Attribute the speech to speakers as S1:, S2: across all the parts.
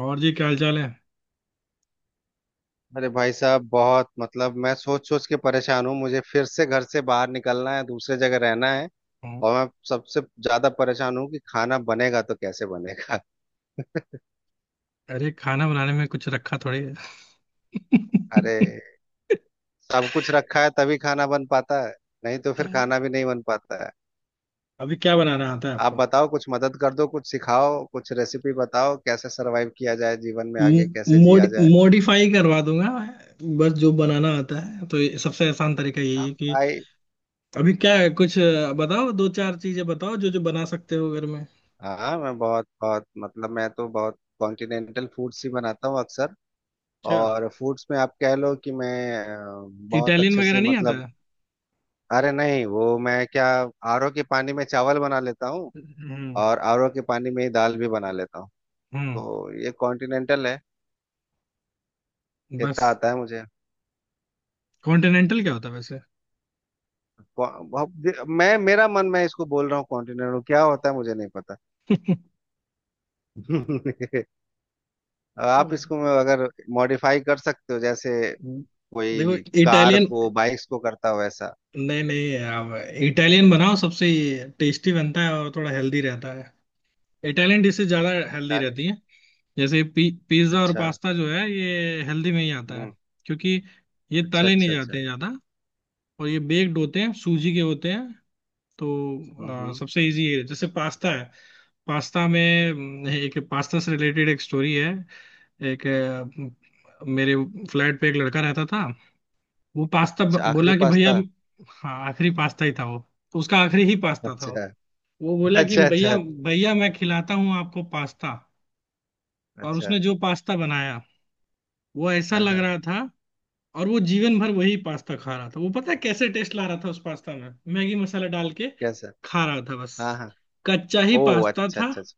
S1: और जी क्या हाल चाल है।
S2: अरे भाई साहब, बहुत मतलब मैं सोच सोच के परेशान हूँ। मुझे फिर से घर से बाहर निकलना है, दूसरे जगह रहना है।
S1: हाँ।
S2: और मैं सबसे ज्यादा परेशान हूँ कि खाना बनेगा तो कैसे बनेगा।
S1: अरे खाना बनाने में कुछ रखा थोड़ी है।
S2: अरे सब कुछ रखा है तभी खाना बन पाता है। नहीं तो
S1: अ,
S2: फिर खाना भी नहीं बन पाता है।
S1: अभी क्या बनाना आता है
S2: आप
S1: आपको?
S2: बताओ, कुछ मदद कर दो, कुछ सिखाओ, कुछ रेसिपी बताओ, कैसे सरवाइव किया जाए, जीवन में आगे कैसे
S1: मोड
S2: जिया जाए।
S1: मॉडिफाई करवा दूंगा। बस जो बनाना आता है तो ये सबसे आसान तरीका यही
S2: हाँ
S1: है कि
S2: भाई।
S1: अभी क्या है कुछ बताओ, दो चार चीजें बताओ जो जो बना सकते हो घर में।
S2: हाँ, मैं बहुत बहुत मतलब मैं तो बहुत कॉन्टिनेंटल फूड्स ही बनाता हूँ अक्सर।
S1: अच्छा,
S2: और फूड्स में आप कह लो कि मैं अ, बहुत
S1: इटालियन
S2: अच्छे
S1: वगैरह
S2: से
S1: नहीं आता
S2: मतलब।
S1: है?
S2: अरे नहीं, वो मैं क्या, आरओ के पानी में चावल बना लेता हूँ।
S1: हम्म।
S2: और आरओ के पानी में ही दाल भी बना लेता हूँ।
S1: हम्म।
S2: तो ये कॉन्टिनेंटल है। इतना
S1: बस
S2: आता है मुझे।
S1: कॉन्टिनेंटल क्या होता है वैसे?
S2: मैं मेरा मन, मैं इसको बोल रहा हूँ, कॉन्टिनेंटल क्या होता है मुझे नहीं पता।
S1: तो
S2: आप इसको अगर मॉडिफाई कर सकते हो, जैसे
S1: देखो,
S2: कोई कार
S1: इटालियन,
S2: को बाइक्स को करता हो वैसा।
S1: नहीं नहीं, अब इटालियन बनाओ, सबसे टेस्टी बनता है और थोड़ा हेल्दी रहता है। इटालियन डिशेज ज्यादा हेल्दी
S2: निपटा ले।
S1: रहती हैं। जैसे पिज्जा और
S2: अच्छा।
S1: पास्ता जो है ये हेल्दी में ही आता है।
S2: हम्म।
S1: क्योंकि ये
S2: अच्छा
S1: तले नहीं
S2: अच्छा अच्छा।
S1: जाते हैं ज्यादा और ये बेक्ड होते हैं, सूजी के होते हैं। तो
S2: हम्म।
S1: सबसे इजी है जैसे पास्ता है। पास्ता में एक पास्ता से रिलेटेड एक स्टोरी है। एक मेरे फ्लैट पे एक लड़का रहता था। वो पास्ता
S2: अच्छा, आखिरी
S1: बोला कि भैया,
S2: पास्ता।
S1: हाँ आखिरी पास्ता ही था वो, उसका आखिरी ही पास्ता था वो।
S2: अच्छा
S1: वो बोला कि
S2: अच्छा
S1: भैया
S2: अच्छा।
S1: भैया मैं खिलाता हूँ आपको पास्ता। और
S2: अच्छा।
S1: उसने जो पास्ता बनाया वो ऐसा
S2: हाँ
S1: लग
S2: हाँ।
S1: रहा था। और वो जीवन भर वही पास्ता खा रहा था। वो पता है कैसे टेस्ट ला रहा था उस पास्ता में? मैगी मसाला डाल के
S2: कैसा?
S1: खा रहा था बस।
S2: हाँ हाँ।
S1: कच्चा ही
S2: ओ।
S1: पास्ता
S2: अच्छा
S1: था,
S2: अच्छा अच्छा।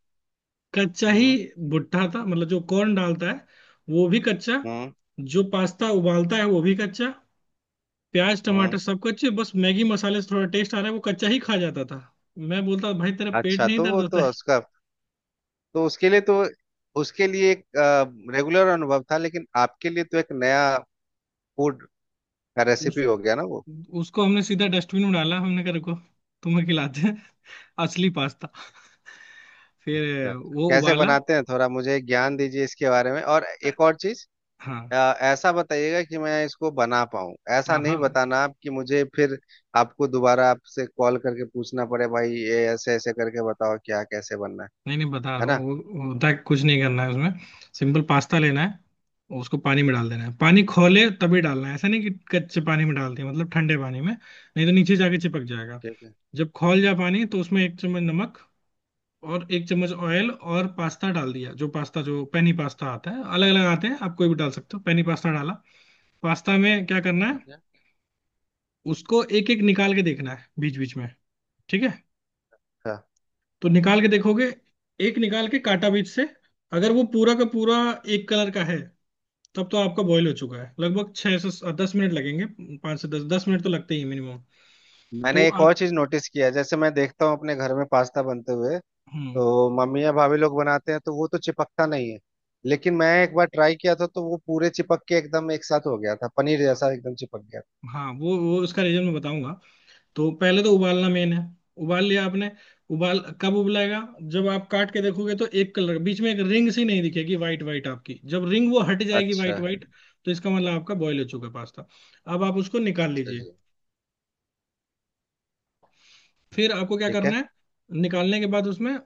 S1: कच्चा ही।
S2: हम्म
S1: भुट्टा था, मतलब जो कॉर्न डालता है वो भी कच्चा,
S2: हम्म
S1: जो पास्ता उबालता है वो भी कच्चा। प्याज
S2: हम्म।
S1: टमाटर सब कच्चे, बस मैगी मसाले से थोड़ा टेस्ट आ रहा है, वो कच्चा ही खा जाता था। मैं बोलता भाई तेरा पेट
S2: अच्छा,
S1: नहीं
S2: तो
S1: दर्द
S2: वो
S1: होता
S2: तो
S1: है?
S2: उसका, तो उसके लिए एक रेगुलर अनुभव था, लेकिन आपके लिए तो एक नया फूड का रेसिपी
S1: उस
S2: हो गया ना वो।
S1: उसको हमने सीधा डस्टबिन में डाला, हमने कहा रुको, तुम्हें खिलाते हैं असली पास्ता।
S2: अच्छा,
S1: फिर वो
S2: कैसे
S1: उबाला।
S2: बनाते हैं, थोड़ा मुझे ज्ञान दीजिए इसके बारे में, और एक और चीज।
S1: हाँ।
S2: अ, ऐसा बताइएगा कि मैं इसको बना पाऊँ, ऐसा
S1: हाँ
S2: नहीं
S1: हाँ,
S2: बताना आप कि मुझे फिर आपको दोबारा आपसे कॉल करके पूछना पड़े, भाई ये ऐसे ऐसे करके बताओ क्या कैसे बनना है।
S1: नहीं नहीं, बता रहा
S2: है ना।
S1: हूँ। वो होता है कुछ नहीं करना है उसमें। सिंपल पास्ता लेना है और उसको पानी में डाल देना है, पानी खोले तभी डालना है, ऐसा नहीं कि कच्चे पानी में डाल दिया मतलब ठंडे पानी में, नहीं तो नीचे जाके चिपक जाएगा।
S2: ठीक है।
S1: जब खौल जाए पानी तो उसमें एक चम्मच नमक और एक चम्मच ऑयल और पास्ता डाल दिया। जो पास्ता, जो पेनी पास्ता आता है, अलग अलग आते हैं, आप कोई भी डाल सकते हो, पेनी पास्ता डाला। पास्ता में क्या करना है,
S2: ठीक है।
S1: उसको एक एक निकाल के देखना है बीच बीच में, ठीक है?
S2: हाँ।
S1: तो निकाल के देखोगे, एक निकाल के काटा बीच से, अगर वो पूरा का पूरा एक कलर का है तब तो आपका बॉईल हो चुका है। लगभग छह से दस मिनट लगेंगे, पाँच से दस दस मिनट तो लगते ही मिनिमम। तो
S2: मैंने एक
S1: आप
S2: और चीज नोटिस किया है, जैसे मैं देखता हूँ अपने घर में पास्ता बनते हुए,
S1: हम्म।
S2: तो मम्मी या भाभी लोग बनाते हैं तो वो तो चिपकता नहीं है। लेकिन मैं एक बार ट्राई किया था तो वो पूरे चिपक के एकदम एक साथ हो गया था, पनीर जैसा एकदम चिपक गया
S1: हाँ, वो उसका रीजन मैं बताऊंगा। तो पहले तो उबालना मेन है। उबाल लिया आपने, उबाल कब उबलेगा, जब आप काट के देखोगे तो एक कलर बीच में एक रिंग सी नहीं दिखेगी वाइट वाइट आपकी, जब रिंग वो हट
S2: था।
S1: जाएगी
S2: अच्छा।
S1: वाइट वाइट तो इसका मतलब आपका बॉईल हो चुका है पास्ता। अब आप उसको निकाल
S2: अच्छा
S1: लीजिए।
S2: जी।
S1: फिर आपको क्या
S2: ठीक है।
S1: करना है, निकालने के बाद उसमें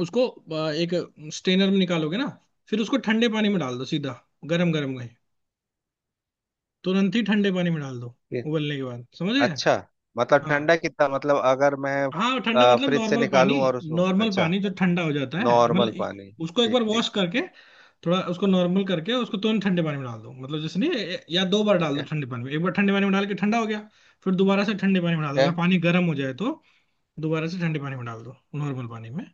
S1: उसको एक स्ट्रेनर में निकालोगे ना, फिर उसको ठंडे पानी में डाल दो सीधा, गरम गरम नहीं, तुरंत ही ठंडे पानी में डाल दो उबलने के बाद, समझ गए?
S2: अच्छा। मतलब
S1: हाँ
S2: ठंडा कितना, मतलब अगर मैं
S1: हाँ, ठंडा मतलब
S2: फ्रिज से
S1: नॉर्मल पानी।
S2: निकालूं और उसको?
S1: नॉर्मल
S2: अच्छा।
S1: पानी जो ठंडा हो जाता है,
S2: नॉर्मल
S1: मतलब
S2: पानी।
S1: उसको एक
S2: ठीक
S1: बार
S2: ठीक
S1: वॉश
S2: ठीक।
S1: करके थोड़ा उसको नॉर्मल करके, उसको तुरंत ठंडे पानी में डाल दो, मतलब जैसे नहीं या दो बार
S2: ठीक
S1: डाल दो
S2: है।
S1: ठंडे पानी में, एक बार ठंडे पानी में डाल के ठंडा हो गया, फिर दोबारा से ठंडे पानी में डाल
S2: ठीक
S1: दो
S2: है।
S1: अगर पानी गर्म हो जाए तो, दोबारा से ठंडे पानी में डाल दो, नॉर्मल पानी में।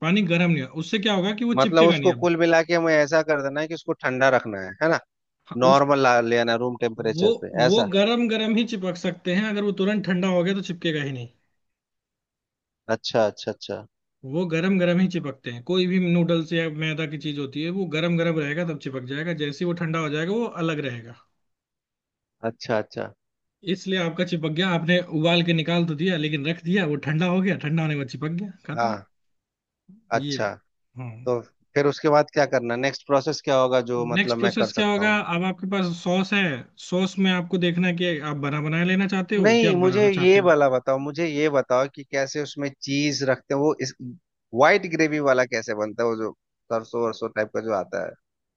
S1: पानी गर्म नहीं होगा, उससे क्या होगा कि वो
S2: मतलब
S1: चिपकेगा नहीं
S2: उसको
S1: अब।
S2: कुल मिला के हमें ऐसा कर देना है कि उसको ठंडा रखना है ना।
S1: हाँ, उस
S2: नॉर्मल ला लेना, रूम
S1: वो
S2: टेम्परेचर पे
S1: वो
S2: ऐसा।
S1: गर्म गर्म ही चिपक सकते हैं, अगर वो तुरंत ठंडा हो गया तो चिपकेगा ही नहीं।
S2: अच्छा अच्छा अच्छा।
S1: वो गर्म गर्म ही चिपकते हैं, कोई भी नूडल्स या मैदा की चीज होती है, वो गर्म गर्म रहेगा तब चिपक जाएगा, जैसे ही वो ठंडा हो जाएगा वो अलग रहेगा।
S2: अच्छा अच्छा।
S1: इसलिए आपका चिपक गया, आपने उबाल के निकाल तो दिया लेकिन रख दिया, वो ठंडा हो गया, ठंडा होने के बाद चिपक गया, खत्म।
S2: हाँ।
S1: ये
S2: अच्छा।
S1: है। हाँ,
S2: तो फिर उसके बाद क्या करना, नेक्स्ट प्रोसेस क्या होगा जो
S1: नेक्स्ट
S2: मतलब मैं कर
S1: प्रोसेस क्या
S2: सकता
S1: होगा,
S2: हूँ।
S1: अब आपके पास सॉस है। सॉस में आपको देखना है कि आप बना बनाया लेना चाहते हो क्या
S2: नहीं,
S1: आप
S2: मुझे
S1: बनाना
S2: ये
S1: चाहते हो?
S2: वाला बताओ, मुझे ये बताओ कि कैसे उसमें चीज रखते हैं, वो इस वाइट ग्रेवी वाला कैसे बनता है, वो जो सरसों वरसों टाइप का जो आता है,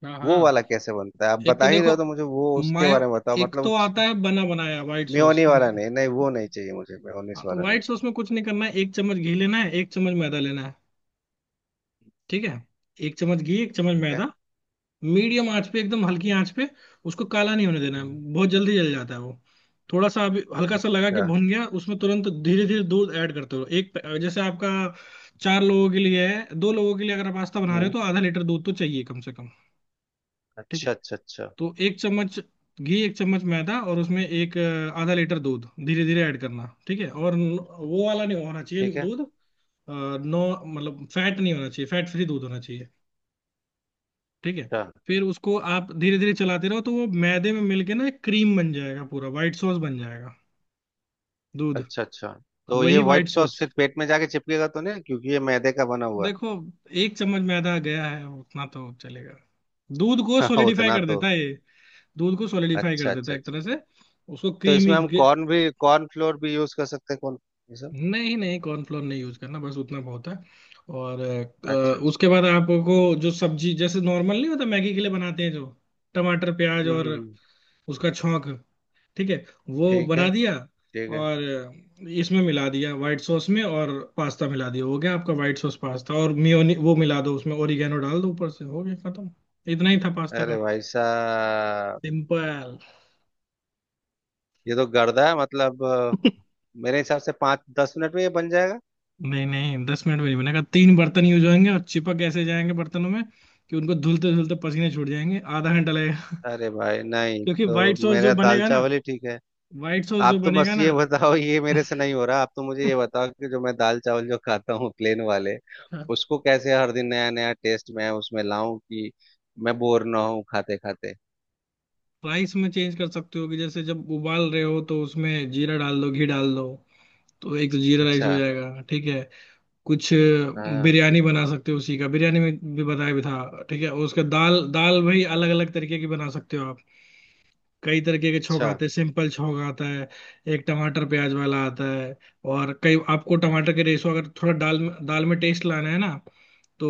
S1: हाँ
S2: वो
S1: हाँ।
S2: वाला कैसे बनता है आप
S1: एक
S2: बता
S1: तो
S2: ही रहे
S1: देखो,
S2: हो तो मुझे वो उसके
S1: मायो
S2: बारे में बताओ
S1: एक
S2: मतलब।
S1: तो आता है बना बनाया व्हाइट
S2: मेयोनी
S1: सॉस,
S2: वाला
S1: मतलब।
S2: नहीं नहीं, वो नहीं चाहिए मुझे, मेयोनीस
S1: हाँ, तो
S2: वाला नहीं
S1: व्हाइट
S2: चाहिए।
S1: सॉस में कुछ नहीं करना है, एक चम्मच घी लेना है, एक चम्मच मैदा लेना है। ठीक है, एक चम्मच घी एक चम्मच
S2: ठीक है।
S1: मैदा, मीडियम आंच पे, एकदम हल्की आंच पे, उसको काला नहीं होने देना है,
S2: हम्म।
S1: बहुत जल्दी जल जाता है वो। थोड़ा सा अभी हल्का सा लगा कि
S2: अच्छा।
S1: भुन गया, उसमें तुरंत धीरे धीरे दूध ऐड करते रहो। जैसे आपका चार लोगों के लिए है, दो लोगों के लिए अगर आप पास्ता बना रहे हो,
S2: हम्म।
S1: तो आधा लीटर दूध तो चाहिए कम से कम, ठीक
S2: अच्छा
S1: है?
S2: अच्छा अच्छा।
S1: तो एक चम्मच घी, एक चम्मच मैदा और उसमें एक आधा लीटर दूध धीरे धीरे ऐड करना, ठीक है? और वो वाला नहीं होना चाहिए
S2: ठीक है।
S1: दूध, अ, नो मतलब फैट नहीं होना चाहिए, फैट फ्री दूध होना चाहिए, ठीक है?
S2: अच्छा
S1: फिर उसको आप धीरे धीरे चलाते रहो तो वो मैदे में मिलके ना एक क्रीम बन जाएगा, पूरा वाइट सॉस बन जाएगा दूध।
S2: अच्छा अच्छा। तो ये
S1: वही वाइट
S2: व्हाइट सॉस
S1: सॉस,
S2: फिर पेट में जाके चिपकेगा तो नहीं, क्योंकि ये मैदे का बना हुआ
S1: देखो एक चम्मच मैदा गया है, उतना तो चलेगा। दूध को
S2: है।
S1: सॉलिडिफाई
S2: उतना
S1: कर
S2: तो।
S1: देता है ये, दूध को सॉलिडिफाई
S2: अच्छा
S1: कर देता
S2: अच्छा।
S1: है एक तरह से, उसको
S2: तो इसमें
S1: क्रीमी।
S2: हम कॉर्न भी, कॉर्न फ्लोर भी यूज कर सकते हैं, कौन ये सब।
S1: नहीं नहीं, कॉर्नफ्लोर नहीं यूज करना, बस उतना बहुत है। और
S2: अच्छा अच्छा।
S1: उसके बाद आपको जो सब्जी, जैसे नॉर्मल नहीं होता मैगी के लिए बनाते हैं जो, टमाटर प्याज
S2: हम्म
S1: और
S2: हम्म, हम्म,
S1: उसका छौंक, ठीक है? वो
S2: ठीक है।
S1: बना दिया
S2: ठीक है।
S1: और इसमें मिला दिया व्हाइट सॉस में और पास्ता मिला दिया, हो गया आपका व्हाइट सॉस पास्ता। और मियोनी वो मिला दो उसमें, ओरिगेनो डाल दो ऊपर से, हो गया खत्म। इतना ही था पास्ता
S2: अरे
S1: का,
S2: भाई साहब,
S1: सिंपल।
S2: ये तो गर्दा है, मतलब मेरे हिसाब से 5-10 मिनट में ये बन जाएगा।
S1: नहीं नहीं दस मिनट में नहीं बनेगा, तीन बर्तन यूज होंगे और चिपक ऐसे जाएंगे बर्तनों में कि उनको धुलते धुलते पसीने छूट जाएंगे, आधा घंटा लगेगा।
S2: अरे भाई नहीं,
S1: क्योंकि
S2: तो
S1: व्हाइट सॉस
S2: मेरा
S1: जो
S2: दाल
S1: बनेगा ना,
S2: चावल ही ठीक है।
S1: व्हाइट सॉस जो
S2: आप तो बस
S1: बनेगा ना
S2: ये बताओ, ये मेरे से नहीं हो रहा, आप तो मुझे ये बताओ कि जो मैं दाल चावल जो खाता हूँ प्लेन वाले, उसको कैसे हर दिन नया नया टेस्ट मैं उसमें लाऊं कि मैं बोर ना हूँ खाते खाते।
S1: राइस में चेंज कर सकते हो, कि जैसे जब उबाल रहे हो तो उसमें जीरा डाल दो, घी डाल दो, तो एक तो जीरा राइस
S2: अच्छा।
S1: हो जाएगा, ठीक है? कुछ
S2: हाँ।
S1: बिरयानी बना सकते हो, उसी का बिरयानी में भी बताया भी था, ठीक है? और उसका दाल, भाई अलग अलग तरीके की बना सकते हो। कई तरीके के छौंक
S2: अच्छा।
S1: आते हैं, सिंपल छौंक आता है, एक टमाटर प्याज वाला आता है और कई आपको टमाटर के रेशो, अगर थोड़ा दाल में टेस्ट लाना है ना तो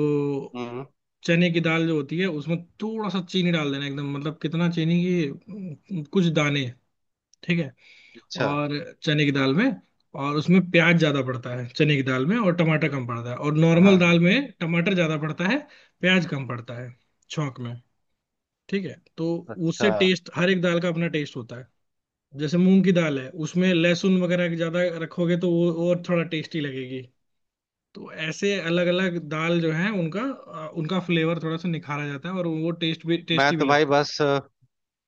S2: हम्म।
S1: चने की दाल जो होती है उसमें थोड़ा सा चीनी डाल देना, एकदम मतलब कितना चीनी की कुछ दाने, ठीक है?
S2: अच्छा।
S1: और चने की दाल में, और उसमें प्याज ज्यादा पड़ता है चने की दाल में, और टमाटर कम पड़ता है। और
S2: हाँ
S1: नॉर्मल
S2: हाँ।
S1: दाल में टमाटर ज्यादा पड़ता है, प्याज कम पड़ता है छौंक में, ठीक है? तो
S2: अच्छा।
S1: उससे टेस्ट, हर एक दाल का अपना टेस्ट होता है, जैसे मूंग की दाल है, उसमें लहसुन वगैरह ज्यादा रखोगे तो वो और थोड़ा टेस्टी लगेगी। तो ऐसे अलग अलग दाल जो है उनका उनका फ्लेवर थोड़ा सा निखारा जाता है और वो टेस्ट भी,
S2: मैं
S1: टेस्टी भी
S2: तो भाई
S1: लगते हैं।
S2: बस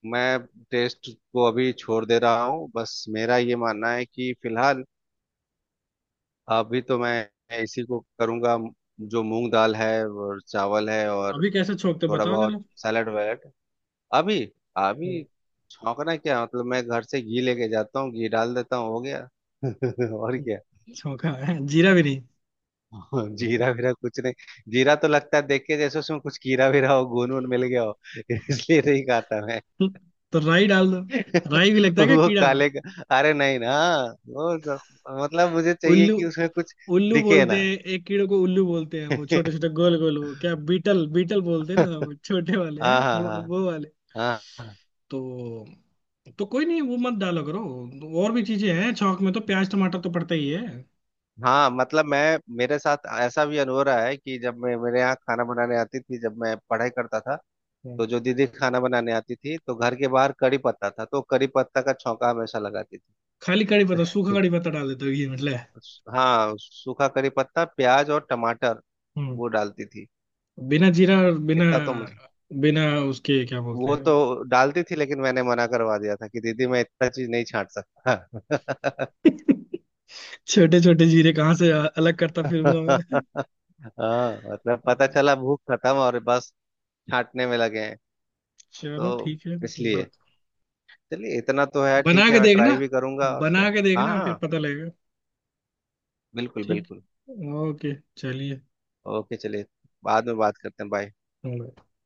S2: मैं टेस्ट को अभी छोड़ दे रहा हूँ, बस मेरा ये मानना है कि फिलहाल अभी तो मैं इसी को करूँगा, जो मूंग दाल है और चावल है और
S1: अभी कैसे छोंकते हो
S2: थोड़ा
S1: बताओ
S2: बहुत
S1: जरा?
S2: Salad valid. अभी अभी।
S1: हम्म।
S2: छौंकना क्या, मतलब मैं घर से घी लेके जाता हूँ, घी डाल देता हूँ, हो गया। और क्या।
S1: छोंका है, जीरा भी नहीं?
S2: जीरा वीरा कुछ नहीं। जीरा तो लगता है देख के जैसे उसमें कुछ कीड़ा वीरा हो, घुन वुन मिल गया हो, इसलिए नहीं खाता।
S1: तो राई डाल दो। राई भी लगता है क्या
S2: वो
S1: कीड़ा?
S2: काले का। अरे नहीं ना। मतलब मुझे चाहिए
S1: उल्लू,
S2: कि उसमें कुछ
S1: उल्लू
S2: दिखे
S1: बोलते
S2: ना।
S1: हैं एक कीड़े को, उल्लू बोलते हैं वो छोटे छोटे गोल गोल, वो क्या बीटल, बीटल बोलते हैं ना वो छोटे वाले हैं,
S2: हाँ हाँ
S1: वो
S2: हाँ।
S1: वो वाले।
S2: हाँ हाँ।
S1: तो तो कोई नहीं वो मत डाला करो, और भी चीजें हैं छौंक में, तो प्याज टमाटर तो पड़ता ही है।
S2: हाँ, मतलब मैं, मेरे साथ ऐसा भी अनुभव रहा है कि जब मैं, मेरे यहाँ खाना बनाने आती थी जब मैं पढ़ाई करता था,
S1: हम्म।
S2: तो जो दीदी खाना बनाने आती थी तो घर के बाहर कड़ी पत्ता था तो कड़ी पत्ता का छौंका हमेशा लगाती थी।
S1: खाली कड़ी पत्ता, सूखा कड़ी पत्ता डाल देते हो ये मतलब है।
S2: हाँ, सूखा कड़ी पत्ता, प्याज और टमाटर
S1: हम्म।
S2: वो डालती थी।
S1: बिना जीरा और बिना
S2: इतना तो मुझे।
S1: बिना उसके क्या बोलते
S2: वो
S1: हैं?
S2: तो डालती थी, लेकिन मैंने मना करवा दिया था कि दीदी मैं इतना चीज नहीं छांट सकता।
S1: छोटे छोटे जीरे कहाँ से अलग करता फिरूंगा मैं।
S2: हाँ, मतलब पता चला भूख खत्म और बस छांटने में लगे हैं।
S1: चलो
S2: तो
S1: ठीक है,
S2: इसलिए चलिए इतना तो है,
S1: बना
S2: ठीक है,
S1: के
S2: मैं
S1: देखना,
S2: ट्राई भी करूंगा और क्या।
S1: बना के
S2: हाँ
S1: देखना फिर
S2: हाँ।
S1: पता लगेगा।
S2: बिल्कुल
S1: ठीक,
S2: बिल्कुल।
S1: ओके चलिए।
S2: ओके चलिए। बाद में बात करते हैं, बाय।